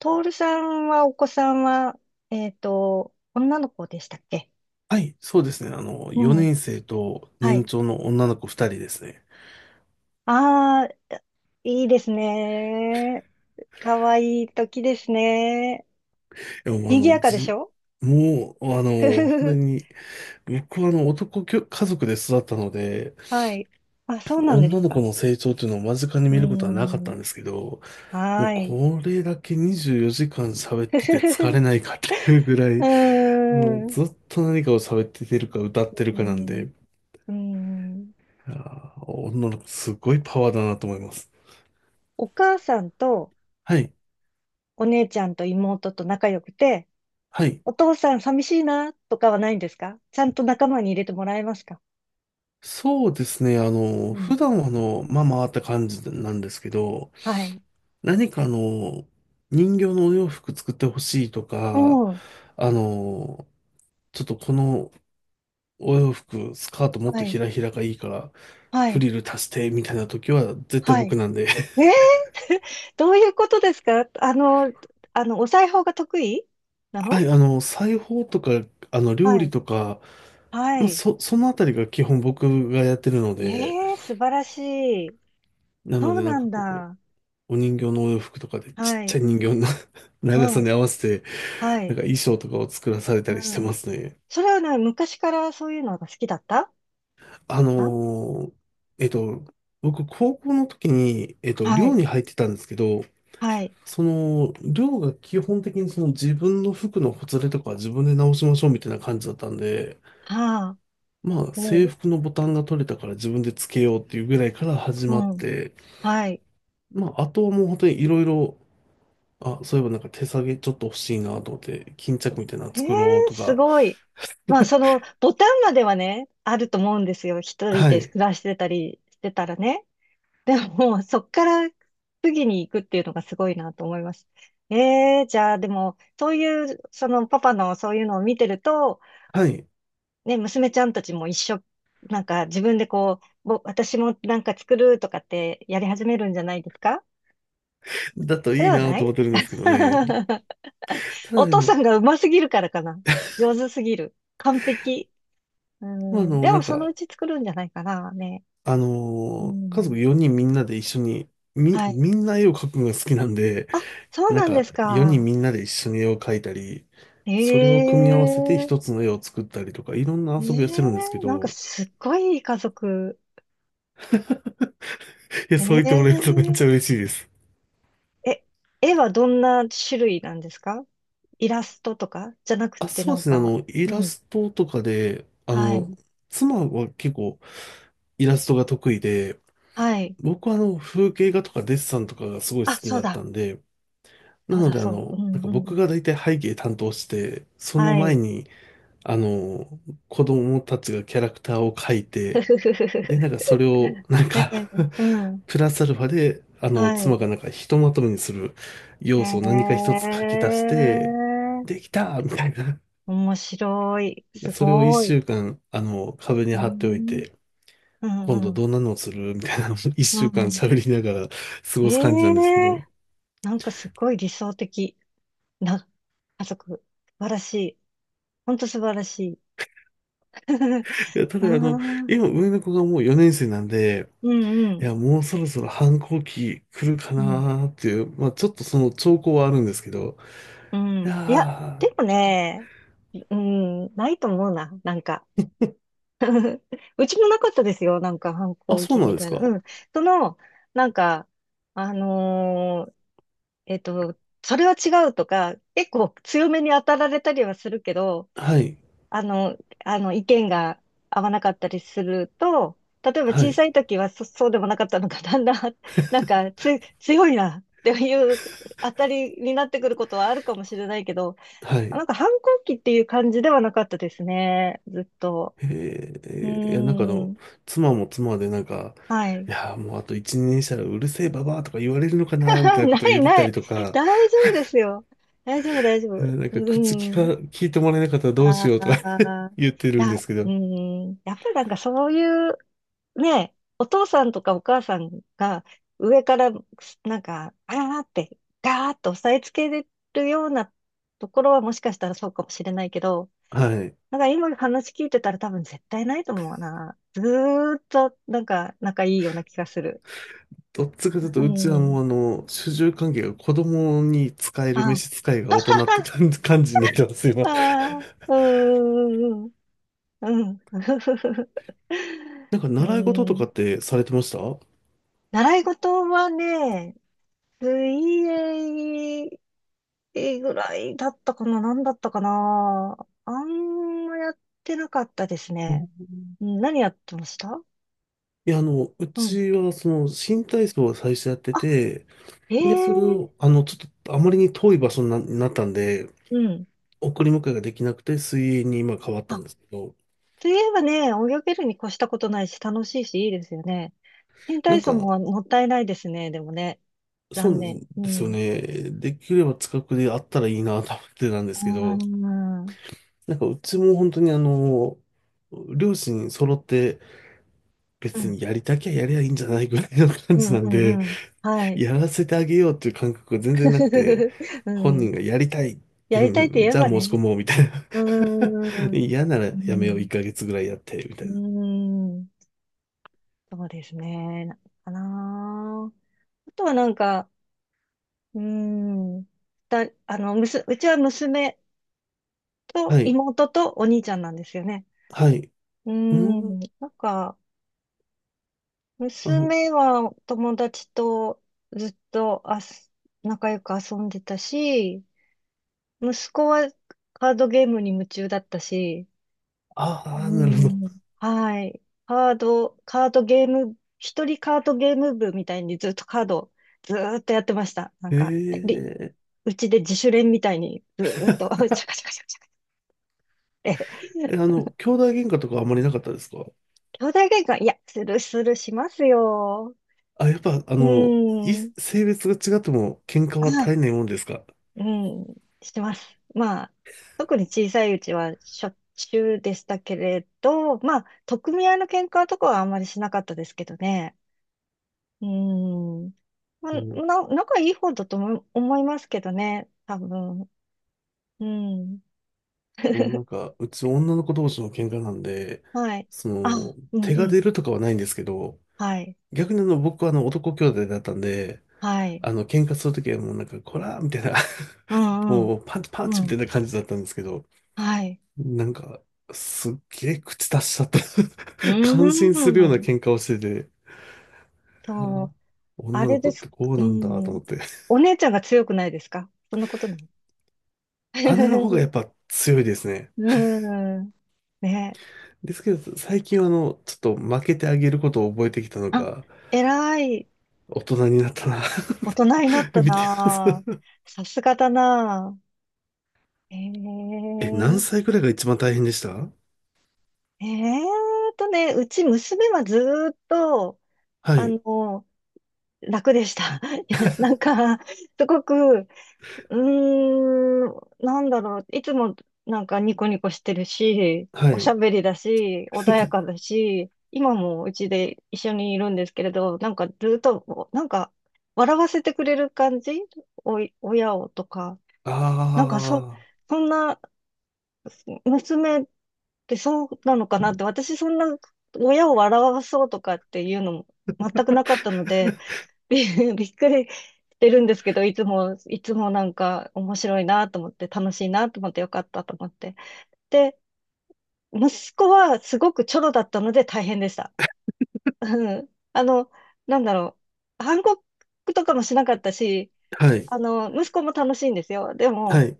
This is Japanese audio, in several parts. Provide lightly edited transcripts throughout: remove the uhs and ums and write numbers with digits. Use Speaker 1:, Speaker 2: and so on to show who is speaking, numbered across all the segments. Speaker 1: トールさんは、お子さんは、女の子でしたっけ？
Speaker 2: はい、そうですね。
Speaker 1: うん。
Speaker 2: 4年生と
Speaker 1: は
Speaker 2: 年
Speaker 1: い。
Speaker 2: 長の女の子2人ですね。
Speaker 1: ああ、いいですね。かわいい時ですね。
Speaker 2: でも、
Speaker 1: 賑やかでしょ？
Speaker 2: もう、
Speaker 1: ふふ
Speaker 2: 本当
Speaker 1: ふ。
Speaker 2: に、僕は男きょ家族で育ったので、
Speaker 1: はい。あ、そうなんで
Speaker 2: 女
Speaker 1: す
Speaker 2: の子
Speaker 1: か。
Speaker 2: の成長というのを間近に
Speaker 1: う
Speaker 2: 見ることはなかっ
Speaker 1: ー
Speaker 2: た
Speaker 1: ん。
Speaker 2: んですけど、もう
Speaker 1: はい。
Speaker 2: これだけ24時間喋っ て
Speaker 1: ふ
Speaker 2: て
Speaker 1: ふ
Speaker 2: 疲れ
Speaker 1: ふ、
Speaker 2: ないかっていうぐら
Speaker 1: う
Speaker 2: い、
Speaker 1: ー
Speaker 2: もう
Speaker 1: ん。う
Speaker 2: ずっと何かを喋っててるか歌ってる
Speaker 1: ー
Speaker 2: かなん
Speaker 1: ん。
Speaker 2: で、
Speaker 1: うーん。
Speaker 2: 女の子すごいパワーだなと思います。
Speaker 1: お母さんと
Speaker 2: はい、
Speaker 1: お姉ちゃんと妹と仲良くて、
Speaker 2: はい。
Speaker 1: お父さん寂しいなとかはないんですか？ちゃんと仲間に入れてもらえますか？
Speaker 2: そうですね。
Speaker 1: うん。
Speaker 2: 普段はまあまあって感じなんですけど、
Speaker 1: はい。
Speaker 2: 何か人形のお洋服作ってほしいと
Speaker 1: う
Speaker 2: か、
Speaker 1: ん。
Speaker 2: あの、ちょっとこのお洋服、スカートもっ
Speaker 1: は
Speaker 2: と
Speaker 1: い。
Speaker 2: ひらひらがいいから、
Speaker 1: は
Speaker 2: フ
Speaker 1: い。
Speaker 2: リル足してみたいな時は絶対
Speaker 1: は
Speaker 2: 僕
Speaker 1: い。
Speaker 2: なんで。
Speaker 1: えー、どういうことですか？お裁縫が得意な
Speaker 2: は
Speaker 1: の？
Speaker 2: い、裁縫とか、料
Speaker 1: は
Speaker 2: 理
Speaker 1: い。
Speaker 2: とか、
Speaker 1: は
Speaker 2: まあ、
Speaker 1: い。
Speaker 2: そのあたりが基本僕がやってるの
Speaker 1: え
Speaker 2: で、
Speaker 1: 素晴らしい。
Speaker 2: なの
Speaker 1: そう
Speaker 2: でなん
Speaker 1: な
Speaker 2: か
Speaker 1: ん
Speaker 2: こ
Speaker 1: だ。
Speaker 2: う、お人形のお洋服とかでちっ
Speaker 1: は
Speaker 2: ち
Speaker 1: い。
Speaker 2: ゃい人形の
Speaker 1: う
Speaker 2: 長さ
Speaker 1: ん。
Speaker 2: に合わせて
Speaker 1: は
Speaker 2: なん
Speaker 1: い。
Speaker 2: か衣装とかを作らされ
Speaker 1: う
Speaker 2: たりして
Speaker 1: ん。
Speaker 2: ますね。
Speaker 1: それはね、昔からそういうのが好きだった？
Speaker 2: あ
Speaker 1: あ、
Speaker 2: のーえっと、僕、高校の時に、
Speaker 1: は
Speaker 2: 寮
Speaker 1: い。
Speaker 2: に入ってたんですけど、
Speaker 1: はい。
Speaker 2: その、寮が基本的にその自分の服のほつれとかは自分で直しましょうみたいな感じだったんで、
Speaker 1: はあ。
Speaker 2: まあ、制
Speaker 1: おう。
Speaker 2: 服のボタンが取れたから自分でつけようっていうぐらいから始ま
Speaker 1: う
Speaker 2: っ
Speaker 1: ん。
Speaker 2: て、
Speaker 1: はい。
Speaker 2: まあ、あとはもう本当にいろいろ、あ、そういえばなんか手提げちょっと欲しいなと思って、巾着みたいなの
Speaker 1: え
Speaker 2: 作ろう
Speaker 1: え、
Speaker 2: と
Speaker 1: す
Speaker 2: か、
Speaker 1: ごい。まあ、その、ボタンまではね、あると思うんですよ。一人
Speaker 2: は
Speaker 1: で
Speaker 2: い、
Speaker 1: 暮らしてたりしてたらね。でも、そっから次に行くっていうのがすごいなと思います。ええ、じゃあ、でも、そういう、その、パパのそういうのを見てると、
Speaker 2: はい、
Speaker 1: ね、娘ちゃんたちも一緒、なんか自分でこう、私もなんか作るとかってやり始めるんじゃないですか？
Speaker 2: だと
Speaker 1: そ
Speaker 2: い
Speaker 1: れ
Speaker 2: い
Speaker 1: は
Speaker 2: な
Speaker 1: な
Speaker 2: と
Speaker 1: い？
Speaker 2: 思ってるんですけどね。ただ、
Speaker 1: お父さんがうますぎるからかな。上手すぎる。完璧。う
Speaker 2: まあ
Speaker 1: ん。でも、そのうち作るんじゃないかな、ね。う
Speaker 2: 家族
Speaker 1: ん。
Speaker 2: 4人みんなで一緒に、み、
Speaker 1: はい。
Speaker 2: みんな絵を描くのが好きなんで、
Speaker 1: あ、そう
Speaker 2: なん
Speaker 1: なんで
Speaker 2: か、
Speaker 1: す
Speaker 2: 4人
Speaker 1: か。
Speaker 2: みんなで一緒に絵を描いたり、それを組み合わせて
Speaker 1: ええ
Speaker 2: 一つの絵を作ったりとか、いろんな
Speaker 1: え
Speaker 2: 遊びをしてるんですけ
Speaker 1: え、なんか
Speaker 2: ど、
Speaker 1: すっごいいい家族。
Speaker 2: いや、そう言ってもらえる
Speaker 1: え
Speaker 2: とめっちゃ嬉しいです。
Speaker 1: ええ、絵はどんな種類なんですか？イラストとかじゃなく
Speaker 2: あ、
Speaker 1: て
Speaker 2: そ
Speaker 1: な
Speaker 2: う
Speaker 1: ん
Speaker 2: ですね、
Speaker 1: か、
Speaker 2: イ
Speaker 1: う
Speaker 2: ラ
Speaker 1: ん。
Speaker 2: ストとかで、
Speaker 1: はい。
Speaker 2: 妻は結構イラストが得意で、
Speaker 1: はい。
Speaker 2: 僕は風景画とかデッサンとかがすごい好
Speaker 1: あ、
Speaker 2: き
Speaker 1: そう
Speaker 2: だっ
Speaker 1: だ。
Speaker 2: たんで、な
Speaker 1: そう
Speaker 2: の
Speaker 1: だ、
Speaker 2: で、
Speaker 1: そう。う
Speaker 2: なん
Speaker 1: ん、
Speaker 2: か
Speaker 1: う
Speaker 2: 僕
Speaker 1: ん。
Speaker 2: が大体背景担当して、その
Speaker 1: は
Speaker 2: 前
Speaker 1: い。
Speaker 2: に、あの、子供たちがキャラクターを描い
Speaker 1: ふ
Speaker 2: て、
Speaker 1: ふふふふ。
Speaker 2: で、なんかそれを、なん
Speaker 1: え
Speaker 2: か
Speaker 1: え、 うん。
Speaker 2: プラスアルファで、
Speaker 1: は
Speaker 2: 妻
Speaker 1: い。
Speaker 2: がなんかひとまとめにする
Speaker 1: へ
Speaker 2: 要素を何か一つ書き出して、
Speaker 1: え。
Speaker 2: できたみたいな。
Speaker 1: 面白い。す
Speaker 2: それを一
Speaker 1: ごい。
Speaker 2: 週間、壁に
Speaker 1: う
Speaker 2: 貼っておい
Speaker 1: ん、
Speaker 2: て、
Speaker 1: うん、
Speaker 2: 今
Speaker 1: う
Speaker 2: 度
Speaker 1: ん。
Speaker 2: どんなのをするみたいなのを一
Speaker 1: う
Speaker 2: 週間
Speaker 1: ん。
Speaker 2: 喋りながら過
Speaker 1: え
Speaker 2: ごす感じなんですけ
Speaker 1: え、
Speaker 2: ど。
Speaker 1: なんかすごい理想的な家族。素晴らしい。ほんと素晴らしい。
Speaker 2: いやた
Speaker 1: ああ、
Speaker 2: だ、
Speaker 1: うん、
Speaker 2: 今上の子がもう4年生なんで、
Speaker 1: う
Speaker 2: い
Speaker 1: ん、
Speaker 2: や、もうそろそろ反抗期来るか
Speaker 1: うん、
Speaker 2: なーっていう、まあちょっとその兆候はあるんですけど、
Speaker 1: う
Speaker 2: い
Speaker 1: ん。いや、
Speaker 2: やー、
Speaker 1: でもね、うん、ないと思うな、なんか。うちもなかったですよ、なんか反
Speaker 2: あ、
Speaker 1: 抗
Speaker 2: そ
Speaker 1: 期
Speaker 2: うなん
Speaker 1: み
Speaker 2: です
Speaker 1: たいな。
Speaker 2: か。
Speaker 1: うん。その、なんか、あのーえっと、それは違うとか、結構強めに当たられたりはするけど、
Speaker 2: はい、
Speaker 1: あの、意見が合わなかったりすると、例えば
Speaker 2: は
Speaker 1: 小
Speaker 2: い、
Speaker 1: さい時はそうでもなかったのが、だんだん、なんか、強いなっていう当たりになってくることはあるかもしれないけど、
Speaker 2: はい。
Speaker 1: なんか反抗期っていう感じではなかったですね、ずっと。
Speaker 2: え
Speaker 1: うー
Speaker 2: いや、なんか
Speaker 1: ん、
Speaker 2: 妻も妻でなんか、
Speaker 1: は
Speaker 2: い
Speaker 1: い。
Speaker 2: やー、もうあと1年したらうるせえババアとか言われるのかなーみた いなこ
Speaker 1: な
Speaker 2: とを
Speaker 1: い
Speaker 2: 言って
Speaker 1: な
Speaker 2: たり
Speaker 1: い。
Speaker 2: と か、
Speaker 1: 大丈夫ですよ。大丈夫、大丈夫。
Speaker 2: いや
Speaker 1: う
Speaker 2: なんか口聞
Speaker 1: ーん。
Speaker 2: か、聞いてもらえなかったらどう
Speaker 1: あ
Speaker 2: しようとか
Speaker 1: あ、
Speaker 2: 言ってるんですけ
Speaker 1: う
Speaker 2: ど、
Speaker 1: ん、やっぱりなんかそういう、ね、お父さんとかお母さんが上からなんか、あーって、ガーッと押さえつけれるようなところはもしかしたらそうかもしれないけど、
Speaker 2: はい。
Speaker 1: なんか今話聞いてたら多分絶対ないと思うな。ずーっとなんか仲いいような気がする。
Speaker 2: どっちかという
Speaker 1: う
Speaker 2: と、うちはも
Speaker 1: ん。
Speaker 2: う主従関係が子供に使える召
Speaker 1: あ、
Speaker 2: 使いが大人っ て感じ、になってますよ、今。
Speaker 1: あ ー、うーん、うん。う
Speaker 2: なんか
Speaker 1: ん。う
Speaker 2: 習い事とか
Speaker 1: ん。
Speaker 2: ってされてましたは、
Speaker 1: 習い事はね、水泳ぐらいだったかな、何だったかな。あんまやってなかったですね。
Speaker 2: い
Speaker 1: うん。何やってました？
Speaker 2: いや、う
Speaker 1: うん。
Speaker 2: ちはその新体操を最初やってて、
Speaker 1: あ、え
Speaker 2: で、それを、
Speaker 1: え、
Speaker 2: ちょっとあまりに遠い場所になったんで、
Speaker 1: うん。
Speaker 2: 送り迎えができなくて水泳に今変わったん
Speaker 1: あ、
Speaker 2: ですけど、
Speaker 1: といえばね、泳げるに越したことないし、楽しいし、いいですよね。新
Speaker 2: な
Speaker 1: 体
Speaker 2: ん
Speaker 1: 操
Speaker 2: か、
Speaker 1: ももったいないですね、でもね。
Speaker 2: そ
Speaker 1: 残
Speaker 2: う
Speaker 1: 念。う
Speaker 2: ですよ
Speaker 1: ん。
Speaker 2: ね。できれば近くであったらいいなと思ってたんで
Speaker 1: あ
Speaker 2: すけど、
Speaker 1: ー、
Speaker 2: なんかうちも本当に両親揃って
Speaker 1: う
Speaker 2: 別
Speaker 1: ん。
Speaker 2: にやりたきゃやりゃいいんじゃないぐらいの感
Speaker 1: う
Speaker 2: じ
Speaker 1: ん、
Speaker 2: なん
Speaker 1: うん、
Speaker 2: で、
Speaker 1: うん。はい。
Speaker 2: やらせてあげようっていう感覚が全然なくて、
Speaker 1: う
Speaker 2: 本人
Speaker 1: ん。
Speaker 2: がやりたい、
Speaker 1: や
Speaker 2: う
Speaker 1: りたいって
Speaker 2: ん、
Speaker 1: 言え
Speaker 2: じゃあ
Speaker 1: ば
Speaker 2: 申し込
Speaker 1: ね。
Speaker 2: もうみたいな。
Speaker 1: うー ん。
Speaker 2: 嫌なら
Speaker 1: う
Speaker 2: やめよう、
Speaker 1: ん。
Speaker 2: 1ヶ月ぐらいやって、みた
Speaker 1: うー
Speaker 2: いな。
Speaker 1: ん。そうですね。なかな。あとはなんか、うーん。だ、あの、むす、うちは娘と
Speaker 2: はい、
Speaker 1: 妹とお兄ちゃんなんですよね。
Speaker 2: はい。
Speaker 1: うー
Speaker 2: うん、
Speaker 1: ん。なんか、
Speaker 2: あの、
Speaker 1: 娘は友達とずっと仲良く遊んでたし、息子はカードゲームに夢中だったし、
Speaker 2: ああ、
Speaker 1: う
Speaker 2: なるほど。
Speaker 1: ん。はい。カードゲーム、一人カードゲーム部みたいにずっとカード、ずーっとやってました。なん
Speaker 2: へ
Speaker 1: か、り
Speaker 2: え、
Speaker 1: うちで自主練みたいにずーっと、シャカシャカシャカシャカって。
Speaker 2: え、兄弟喧嘩とかあんまりなかったですか？
Speaker 1: 兄弟喧嘩、いや、するするしますよ。
Speaker 2: あ、やっぱ、
Speaker 1: うーん。
Speaker 2: 性別が違っても喧嘩は
Speaker 1: あ、
Speaker 2: 絶えないもんですか？
Speaker 1: うん、してます。まあ、特に小さいうちはしょっちゅうでしたけれど、まあ、取っ組み合いの喧嘩とかはあんまりしなかったですけどね。うーん。まあ、
Speaker 2: うん。
Speaker 1: 仲いい方だと思いますけどね、多分。うん。
Speaker 2: もうな んか、うち女の子同士の喧嘩なんで、
Speaker 1: はい。
Speaker 2: そ
Speaker 1: あ、
Speaker 2: の、
Speaker 1: うん、
Speaker 2: 手
Speaker 1: う
Speaker 2: が
Speaker 1: ん。
Speaker 2: 出るとかはないんですけど、
Speaker 1: はい。
Speaker 2: 逆に僕は男兄弟だったんで、
Speaker 1: はい。
Speaker 2: 喧嘩するときはもうなんか、こらーみたいな、
Speaker 1: う ん、うん。
Speaker 2: もうパンチパンチ
Speaker 1: う
Speaker 2: みた
Speaker 1: ん。
Speaker 2: いな感じだったんですけど、
Speaker 1: はい。
Speaker 2: なんか、すっげえ口出しちゃった
Speaker 1: う
Speaker 2: 感心するよう
Speaker 1: ー
Speaker 2: な
Speaker 1: ん。
Speaker 2: 喧嘩をしてて、あ
Speaker 1: そ
Speaker 2: ー
Speaker 1: う。あ
Speaker 2: 女の
Speaker 1: れ
Speaker 2: 子
Speaker 1: で
Speaker 2: っ
Speaker 1: す。
Speaker 2: てこう
Speaker 1: う
Speaker 2: なんだと思
Speaker 1: ん。
Speaker 2: って。
Speaker 1: お姉ちゃんが強くないですか？そんなことない？
Speaker 2: 姉の方がや っぱ強いですね。
Speaker 1: うん。ね。
Speaker 2: ですけど、最近はちょっと負けてあげることを覚えてきたの
Speaker 1: あ、
Speaker 2: か、
Speaker 1: 偉い。
Speaker 2: 大人になったな
Speaker 1: 大人になっ た
Speaker 2: 見てま
Speaker 1: な
Speaker 2: す。
Speaker 1: あ。さすがだなあ。え
Speaker 2: え、何
Speaker 1: え
Speaker 2: 歳くらいが一番大変でした？
Speaker 1: えーうち娘はずーっと、
Speaker 2: は
Speaker 1: あ
Speaker 2: い。
Speaker 1: の、楽でした。いや、なんか、すごく、うーん、なんだろう、いつもなんかニコニコしてるし、
Speaker 2: は
Speaker 1: おしゃ
Speaker 2: い。
Speaker 1: べりだし、穏やかだし、今もうちで一緒にいるんですけれど、なんかずーっと、なんか、笑わせてくれる感じ、おい、親をとか、
Speaker 2: あ
Speaker 1: なんか、そんな娘で、そうなのかなって、私そんな親を笑わそうとかっていうのも全くなかったので、び、びっくりしてるんですけど、いつも、いつもなんか面白いなと思って、楽しいなと思ってよかったと思って。で、息子はすごくチョロだったので大変でした。うん。あの、なんだろう。反抗とかもしなかったし、
Speaker 2: あ。はい。
Speaker 1: あの、息子も楽しいんですよ。で
Speaker 2: は
Speaker 1: も、
Speaker 2: い。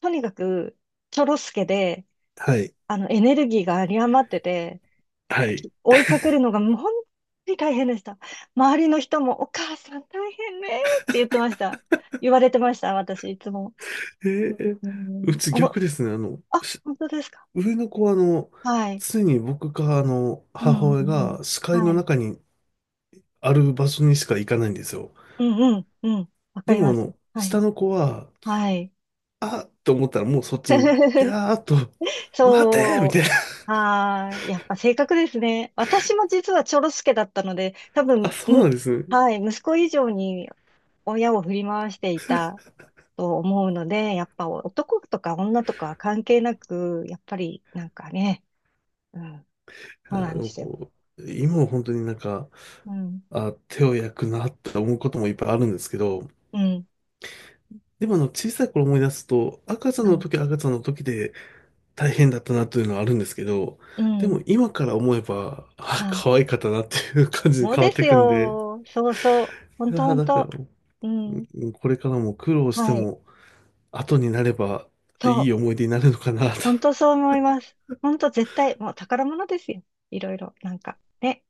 Speaker 1: とにかく、チョロ助で、
Speaker 2: はい。
Speaker 1: あの、エネルギーが有り余ってて、
Speaker 2: はい。
Speaker 1: 追いかけるのがもう本当に大変でした。周りの人もお母さん大変ねって言ってました。言われてました、私、いつも。
Speaker 2: えー、
Speaker 1: う
Speaker 2: う
Speaker 1: ん、
Speaker 2: ち逆ですね。
Speaker 1: あ、本当ですか？
Speaker 2: 上の子は
Speaker 1: はい。
Speaker 2: 常に僕か
Speaker 1: う
Speaker 2: 母
Speaker 1: ん、うん、う
Speaker 2: 親
Speaker 1: ん。
Speaker 2: が視界
Speaker 1: は
Speaker 2: の
Speaker 1: い。
Speaker 2: 中にある場所にしか行かないんですよ。
Speaker 1: うん、うん、うん。わか
Speaker 2: で
Speaker 1: り
Speaker 2: も
Speaker 1: ます。はい。
Speaker 2: 下の子は、
Speaker 1: はい。
Speaker 2: あっと思ったらもうそっちに、やーっと、待てーみ
Speaker 1: そ
Speaker 2: たい。
Speaker 1: う。はい。やっぱ性格ですね。私も実はちょろすけだったので、多
Speaker 2: あ、
Speaker 1: 分、
Speaker 2: そうなんですね。
Speaker 1: はい。息子以上に親を振り回していたと思うので、やっぱ男とか女とかは関係なく、やっぱりなんかね、うん、
Speaker 2: あ
Speaker 1: そうなんで
Speaker 2: の、
Speaker 1: すよ。
Speaker 2: こ今は本当になんか、
Speaker 1: うん、
Speaker 2: あ、手を焼くなって思うこともいっぱいあるんですけど、
Speaker 1: うん、
Speaker 2: でも小さい頃思い出すと、赤ちゃん
Speaker 1: は
Speaker 2: の
Speaker 1: い、
Speaker 2: 時は赤ちゃんの時で大変だったなというのはあるんですけど、
Speaker 1: う
Speaker 2: でも
Speaker 1: ん、
Speaker 2: 今から思えば、あ、
Speaker 1: はい。
Speaker 2: 可愛かったなっていう感じに
Speaker 1: そう
Speaker 2: 変わ
Speaker 1: で
Speaker 2: って
Speaker 1: す
Speaker 2: いくんで、
Speaker 1: よ。そうそう。ほん
Speaker 2: い
Speaker 1: とほ
Speaker 2: や、
Speaker 1: ん
Speaker 2: だから、
Speaker 1: と。うん、
Speaker 2: うん、これからも苦労して
Speaker 1: はい。
Speaker 2: も、後になれば
Speaker 1: そ
Speaker 2: い
Speaker 1: う。
Speaker 2: い思い出になるのかなと。
Speaker 1: ほんとそう思います。ほんと絶対、もう宝物ですよ。いろいろ、なんか、ね。